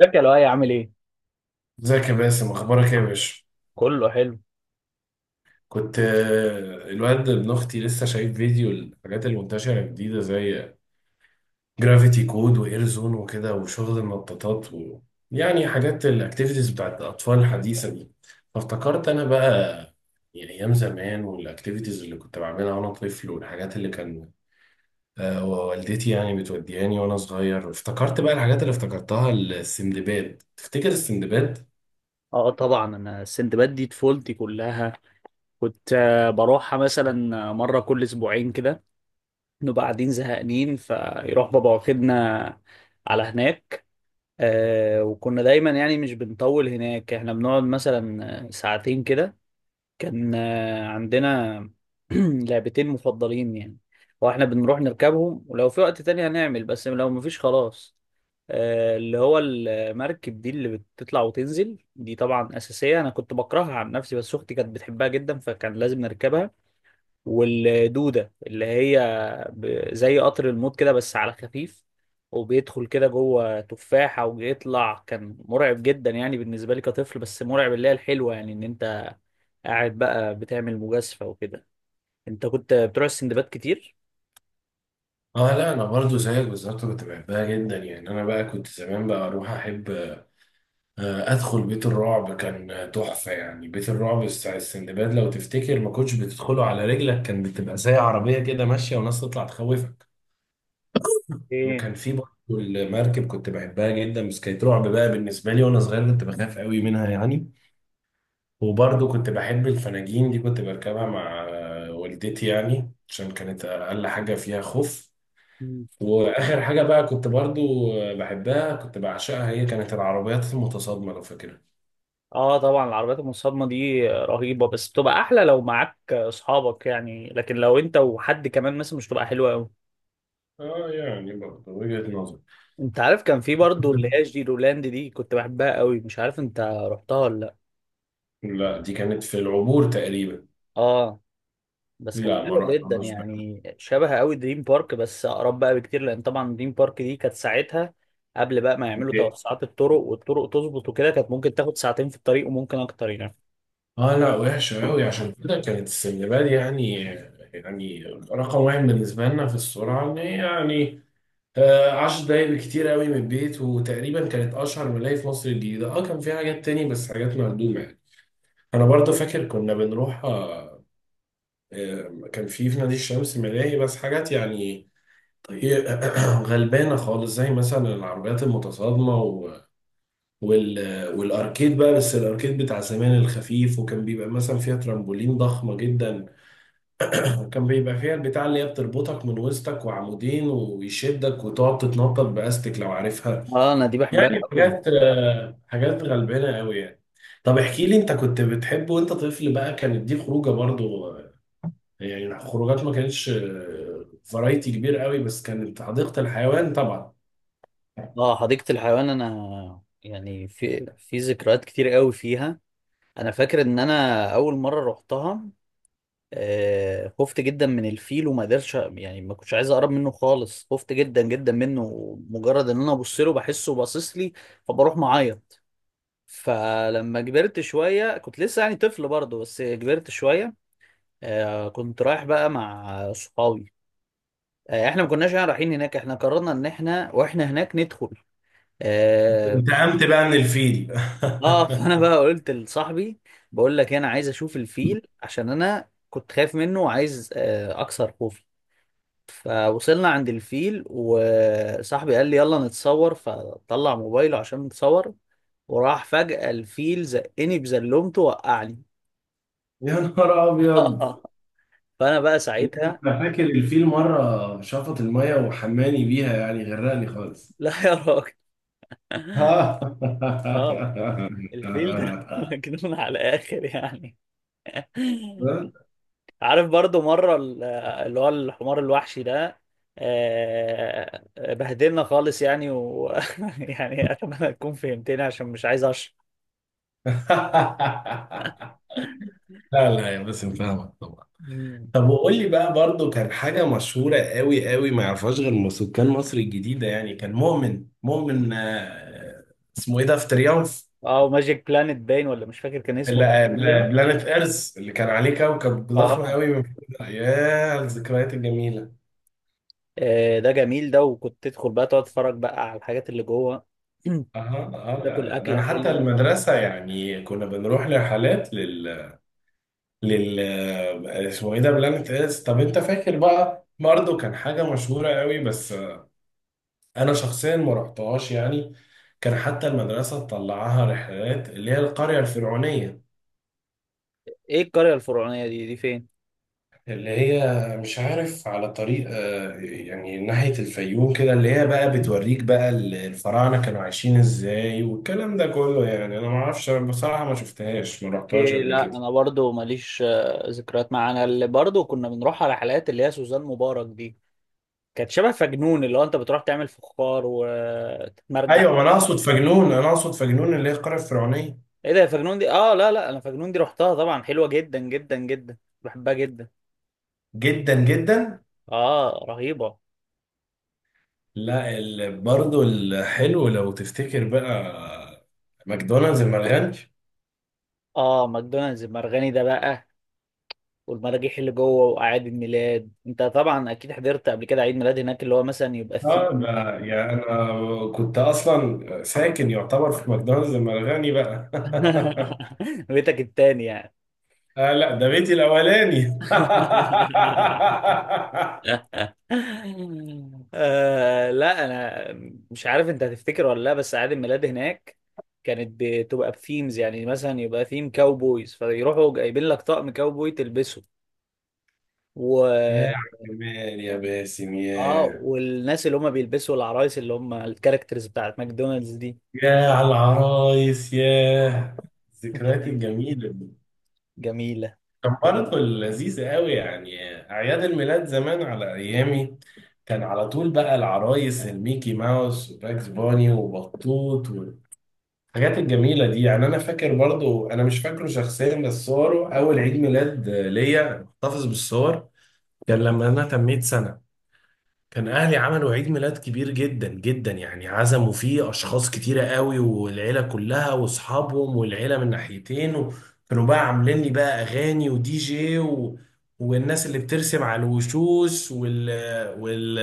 ازيك يا لؤي؟ عامل ايه؟ ازيك يا باسم؟ اخبارك ايه يا باشا؟ كله حلو. كنت آه، الواد ابن اختي لسه شايف فيديو الحاجات المنتشره الجديده زي جرافيتي كود واير زون وكده وشغل النطاطات يعني حاجات الاكتيفيتيز بتاعت الاطفال الحديثه دي. فافتكرت انا بقى، يعني ايام زمان والاكتيفيتيز اللي كنت بعملها وانا طفل والحاجات اللي كان آه، والدتي يعني بتودياني وانا صغير. افتكرت بقى الحاجات اللي افتكرتها، السندباد. تفتكر السندباد؟ اه طبعا، انا السندباد دي طفولتي كلها. كنت بروحها مثلا مره كل اسبوعين كده، نبقى قاعدين زهقانين فيروح بابا واخدنا على هناك. آه، وكنا دايما يعني مش بنطول هناك، احنا بنقعد مثلا ساعتين كده. كان عندنا لعبتين مفضلين يعني، واحنا بنروح نركبهم، ولو في وقت تاني هنعمل، بس لو مفيش خلاص اللي هو المركب دي اللي بتطلع وتنزل دي، طبعا أساسية. أنا كنت بكرهها عن نفسي، بس أختي كانت بتحبها جدا فكان لازم نركبها. والدودة اللي هي زي قطر الموت كده بس على خفيف، وبيدخل كده جوه تفاحة وبيطلع. كان مرعب جدا يعني بالنسبة لي كطفل، بس مرعب اللي هي الحلوة، يعني إن أنت قاعد بقى بتعمل مجازفة وكده. انت كنت بتروح السندباد كتير؟ اه، لا انا برضو زيك بالظبط، كنت بحبها جدا. يعني انا بقى كنت زمان بقى اروح احب ادخل بيت الرعب. كان تحفه، يعني بيت الرعب بتاع السندباد لو تفتكر ما كنتش بتدخله على رجلك، كان بتبقى زي عربيه كده ماشيه وناس تطلع تخوفك. ايه. وكان في برضو المركب، كنت بحبها جدا بس كانت رعب بقى بالنسبه لي وانا صغير، كنت بخاف قوي منها يعني. وبرضو كنت بحب الفناجين دي، كنت بركبها مع والدتي يعني، عشان كانت اقل حاجه فيها خوف. مم. واخر حاجه بقى كنت برضو بحبها، كنت بعشقها، هي كانت العربيات المتصادمه لو فاكرها. اه طبعا، العربيات المصادمة دي رهيبة، بس بتبقى احلى لو معاك اصحابك يعني، لكن لو انت وحد كمان مثلا مش بتبقى حلوة قوي. اه، يعني برضو وجهه نظر. انت عارف كان في برضو اللي هي جيرولاند دي، كنت بحبها قوي. مش عارف انت رحتها ولا لا؟ لا، دي كانت في العبور تقريبا. اه، بس كانت لا، ما حلوه جدا رحتهاش بقى. يعني، شبه قوي دريم بارك بس اقرب بقى بكتير، لان طبعا دريم بارك دي كانت ساعتها قبل بقى ما يعملوا توسعات الطرق، والطرق تظبط وكده، كانت ممكن تاخد ساعتين في الطريق وممكن اكتر يعني. اه لا، وحشه قوي، عشان كده كانت السندباد يعني. يعني رقم واحد بالنسبه لنا في السرعه، ان هي يعني 10 دقايق كتير قوي من البيت، وتقريبا كانت اشهر ملاهي في مصر الجديده. اه، كان في حاجات تاني بس حاجات مهدومه يعني. انا برضه فاكر كنا بنروح كان في نادي الشمس ملاهي، بس حاجات يعني ايه، غلبانه خالص، زي مثلا العربيات المتصادمه وال... والاركيد بقى، بس الاركيد بتاع زمان الخفيف، وكان بيبقى مثلا فيها ترامبولين ضخمه جدا. وكان بيبقى فيها البتاع اللي هي بتربطك من وسطك وعمودين ويشدك وتقعد تتنطط باستك، لو عارفها. اه انا دي بحبها يعني قوي. حاجات غلبانه قوي يعني. طب احكي لي، انت كنت بتحب وانت طفل بقى، كانت دي خروجه برضو؟ يعني خروجات ما كانتش فرايتي كبير قوي، بس كانت حديقة الحيوان طبعا. اه حديقة الحيوان، انا يعني في في ذكريات كتير قوي فيها. انا فاكر ان انا اول مرة رحتها آه، خفت جدا من الفيل وما قدرتش يعني، ما كنتش عايز اقرب منه خالص، خفت جدا جدا منه. مجرد ان انا ابص له بحسه باصص لي فبروح معايا. فلما كبرت شوية، كنت لسه يعني طفل برضه بس كبرت شوية، كنت رايح بقى مع صحابي. احنا ما كناش يعني رايحين هناك، احنا قررنا ان احنا واحنا هناك ندخل. اه. انتقمت بقى من الفيل؟ فانا بقى قلت لصاحبي، بقول لك انا عايز اشوف الفيل عشان انا كنت خايف منه، وعايز اكسر خوفي. فوصلنا عند الفيل، وصاحبي قال لي يلا نتصور، فطلع موبايله عشان نتصور، وراح فجأة الفيل زقني بزلومته وقعني يا نهار ابيض! فانا بقى انا ساعتها فاكر الفيل مرة شفط المية وحماني بيها، يعني غرقني خالص. لا يا راجل. اه، الفيل ده مجنون على الاخر يعني. عارف برضو مره اللي هو الحمار الوحشي ده بهدلنا خالص يعني و... يعني اتمنى تكون فهمتني عشان مش عايز اشرح. لا لا، يا باسم فاهمك طبعا. مم. طب وقول لي بقى برضو، كان حاجة مشهورة قوي قوي ما يعرفهاش غير سكان مصر الجديدة يعني، كان مؤمن، اسمه ايه ده في تريومف، اه، ماجيك بلانت باين، ولا مش فاكر كان اللي اسمه آه، ايه بلا- ده. بلانت ايرث، اللي كان عليه كوكب ضخم اه قوي من فوق. ياه على الذكريات الجميلة. ده جميل ده، وكنت تدخل بقى تقعد تتفرج بقى على الحاجات اللي جوه. اه اه، لا تاكل لا، ده اكله انا حتى حلوه. المدرسة يعني كنا بنروح لرحلات لل اسمه ايه ده، بلانت ايرث. طب انت فاكر بقى برضه، كان حاجة مشهورة قوي بس انا شخصيا ما رحتهاش يعني، كان حتى المدرسه تطلعها رحلات، اللي هي القريه الفرعونيه، ايه القريه الفرعونيه دي؟ دي فين؟ اللي هي مش عارف على طريق يعني ناحيه الفيوم كده، اللي هي بقى بتوريك بقى الفراعنه كانوا عايشين ازاي والكلام ده كله. يعني انا ما اعرفش، أنا بصراحه ما شفتهاش، ما رحتهاش إيه قبل لا، كده. انا برضو ماليش ذكريات معاه. انا اللي برضو كنا بنروح على حلقات اللي هي سوزان مبارك دي، كانت شبه فجنون، اللي هو انت بتروح تعمل فخار وتتمرجح. ايوه، ما انا اقصد فجنون، انا اقصد فجنون اللي هي القريه الفرعونيه. ايه ده يا فجنون دي؟ اه لا لا، انا فجنون دي رحتها طبعا، حلوه جدا جدا جدا، بحبها جدا. جدا جدا. اه رهيبه. لا، برضه الحلو لو تفتكر بقى، ماكدونالدز المرغني. اه ماكدونالدز المرغني ده بقى، والمراجيح اللي جوه، واعياد الميلاد. انت طبعا اكيد حضرت قبل كده عيد ميلاد هناك، اللي هو مثلا يبقى فيه. اه، ده يعني انا كنت اصلا ساكن يعتبر في ماكدونالدز لما الغني بقى. بيتك التاني يعني. آه لا، ده بيتي الاولاني. آه لا، انا مش عارف انت هتفتكر ولا لا، بس اعياد الميلاد هناك كانت بتبقى بثيمز، يعني مثلا يبقى ثيم كاوبويز فيروحوا جايبين لك طقم كاوبوي تلبسه، و... يا جمال يا باسم اه، يا! والناس اللي هم بيلبسوا العرايس، اللي هم الكاركترز بتاعت ماكدونالدز دي. يا على العرايس يا! الذكريات جميلة. الجميلة دي جميلة. كان برضه لذيذة قوي. يعني أعياد الميلاد زمان على أيامي كان على طول بقى العرايس، الميكي ماوس وباكس بوني وبطوط، الحاجات الجميلة دي. يعني أنا فاكر برضو مش فاكره شخصيا، بس صوره أول عيد ميلاد ليا محتفظ بالصور. كان لما أنا تميت سنة، كان أهلي عملوا عيد ميلاد كبير جدا جدا، يعني عزموا فيه أشخاص كتيرة قوي، والعيلة كلها وأصحابهم، والعيلة من ناحيتين، وكانوا بقى عاملين لي بقى أغاني ودي جي، والناس اللي بترسم على الوشوش وال...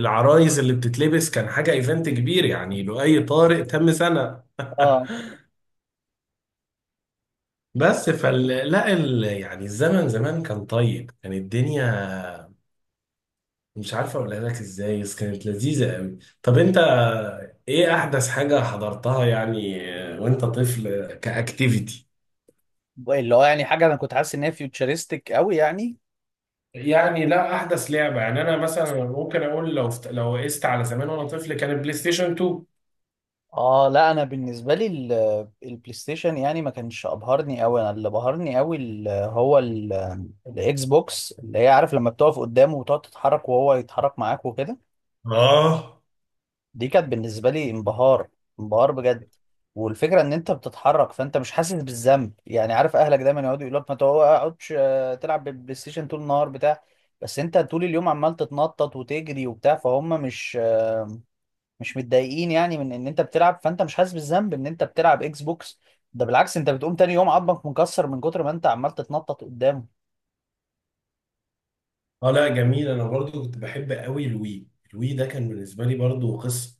العرايس اللي بتتلبس. كان حاجة إيفنت كبير يعني، لؤي طارق تم سنة. اه، بس فال لا يعني الزمن زمان كان طيب، كان الدنيا مش عارفه اقولها لك ازاي، بس كانت لذيذه قوي. طب انت ايه احدث حاجه حضرتها يعني وانت طفل كاكتيفيتي؟ اللي هو يعني حاجة انا كنت حاسس ان هي فيوتشرستك قوي يعني. يعني لا، احدث لعبه، يعني انا مثلا ممكن اقول، لو لو قست على زمان وانا طفل، كان البلاي ستيشن 2. اه لا، انا بالنسبه لي البلاي ستيشن يعني ما كانش ابهرني قوي. انا اللي بهرني قوي هو الاكس بوكس، اللي هي عارف لما بتقف قدامه وتقعد تتحرك وهو يتحرك معاك وكده. اه دي كانت بالنسبه لي انبهار، انبهار بجد. والفكره ان انت بتتحرك فانت مش حاسس بالذنب، يعني عارف اهلك دايما يقعدوا يقولوا لك ما تقعدش تلعب بالبلاي ستيشن طول النهار بتاع. بس انت طول اليوم عمال تتنطط وتجري وبتاع، فهم مش متضايقين يعني من ان انت بتلعب، فانت مش حاسس بالذنب ان انت بتلعب اكس بوكس. ده بالعكس، انت بتقوم تاني يوم عضمك مكسر من كتر ما انت عمال تتنطط قدامه. اه لا جميل، انا برضو كنت بحب قوي الوي. الوي ده كان بالنسبه لي برضو قصه،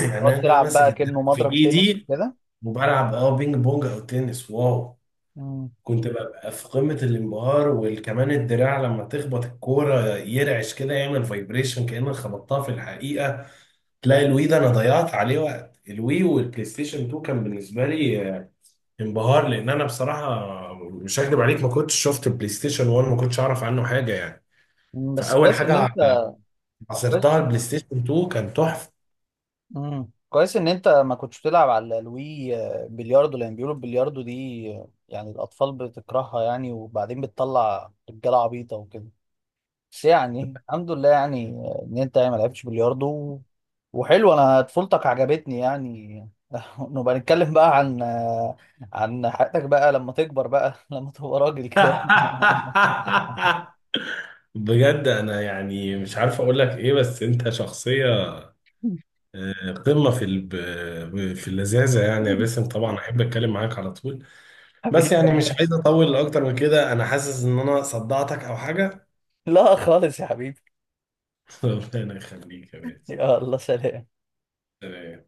يعني تقعد أنا تلعب ماسك بقى الدرع كأنه في مضرب تنس ايدي، كده. وبلعب بينج بونج او تنس. واو، مم. كنت ببقى في قمة الانبهار، وكمان الدراع لما تخبط الكورة يرعش كده، يعمل فايبريشن كأنك خبطتها في الحقيقة. تلاقي الوي ده أنا ضيعت عليه وقت. الوي والبلاي ستيشن 2 كان بالنسبة لي انبهار، لأن أنا بصراحة مش هكدب عليك، ما كنتش شفت البلاي ستيشن 1، ما كنتش أعرف عنه حاجة يعني. مم، بس فأول كويس ان انت حاجة كويس. عصرتها البلاي ستيشن 2 كان تحفة. مم. كويس ان انت ما كنتش بتلعب على الوي بلياردو، لان بيقولوا البلياردو دي يعني الاطفال بتكرهها يعني، وبعدين بتطلع رجاله عبيطه وكده. بس يعني الحمد لله يعني، ان انت يعني ما لعبتش بلياردو. وحلو، انا طفولتك عجبتني يعني. نبقى نتكلم بقى عن عن حياتك بقى لما تكبر بقى، لما تبقى راجل كده. بجد أنا يعني مش عارف أقول لك إيه، بس أنت شخصية قمة في في اللذاذة، يعني يا باسم. طبعا أحب أتكلم معاك على طول، بس حبيبي. يعني مش عايز أطول أكتر من كده، أنا حاسس إن أنا صدعتك أو حاجة. لا خالص يا حبيبي. ربنا يخليك يا باسم. يلا سلام. تمام.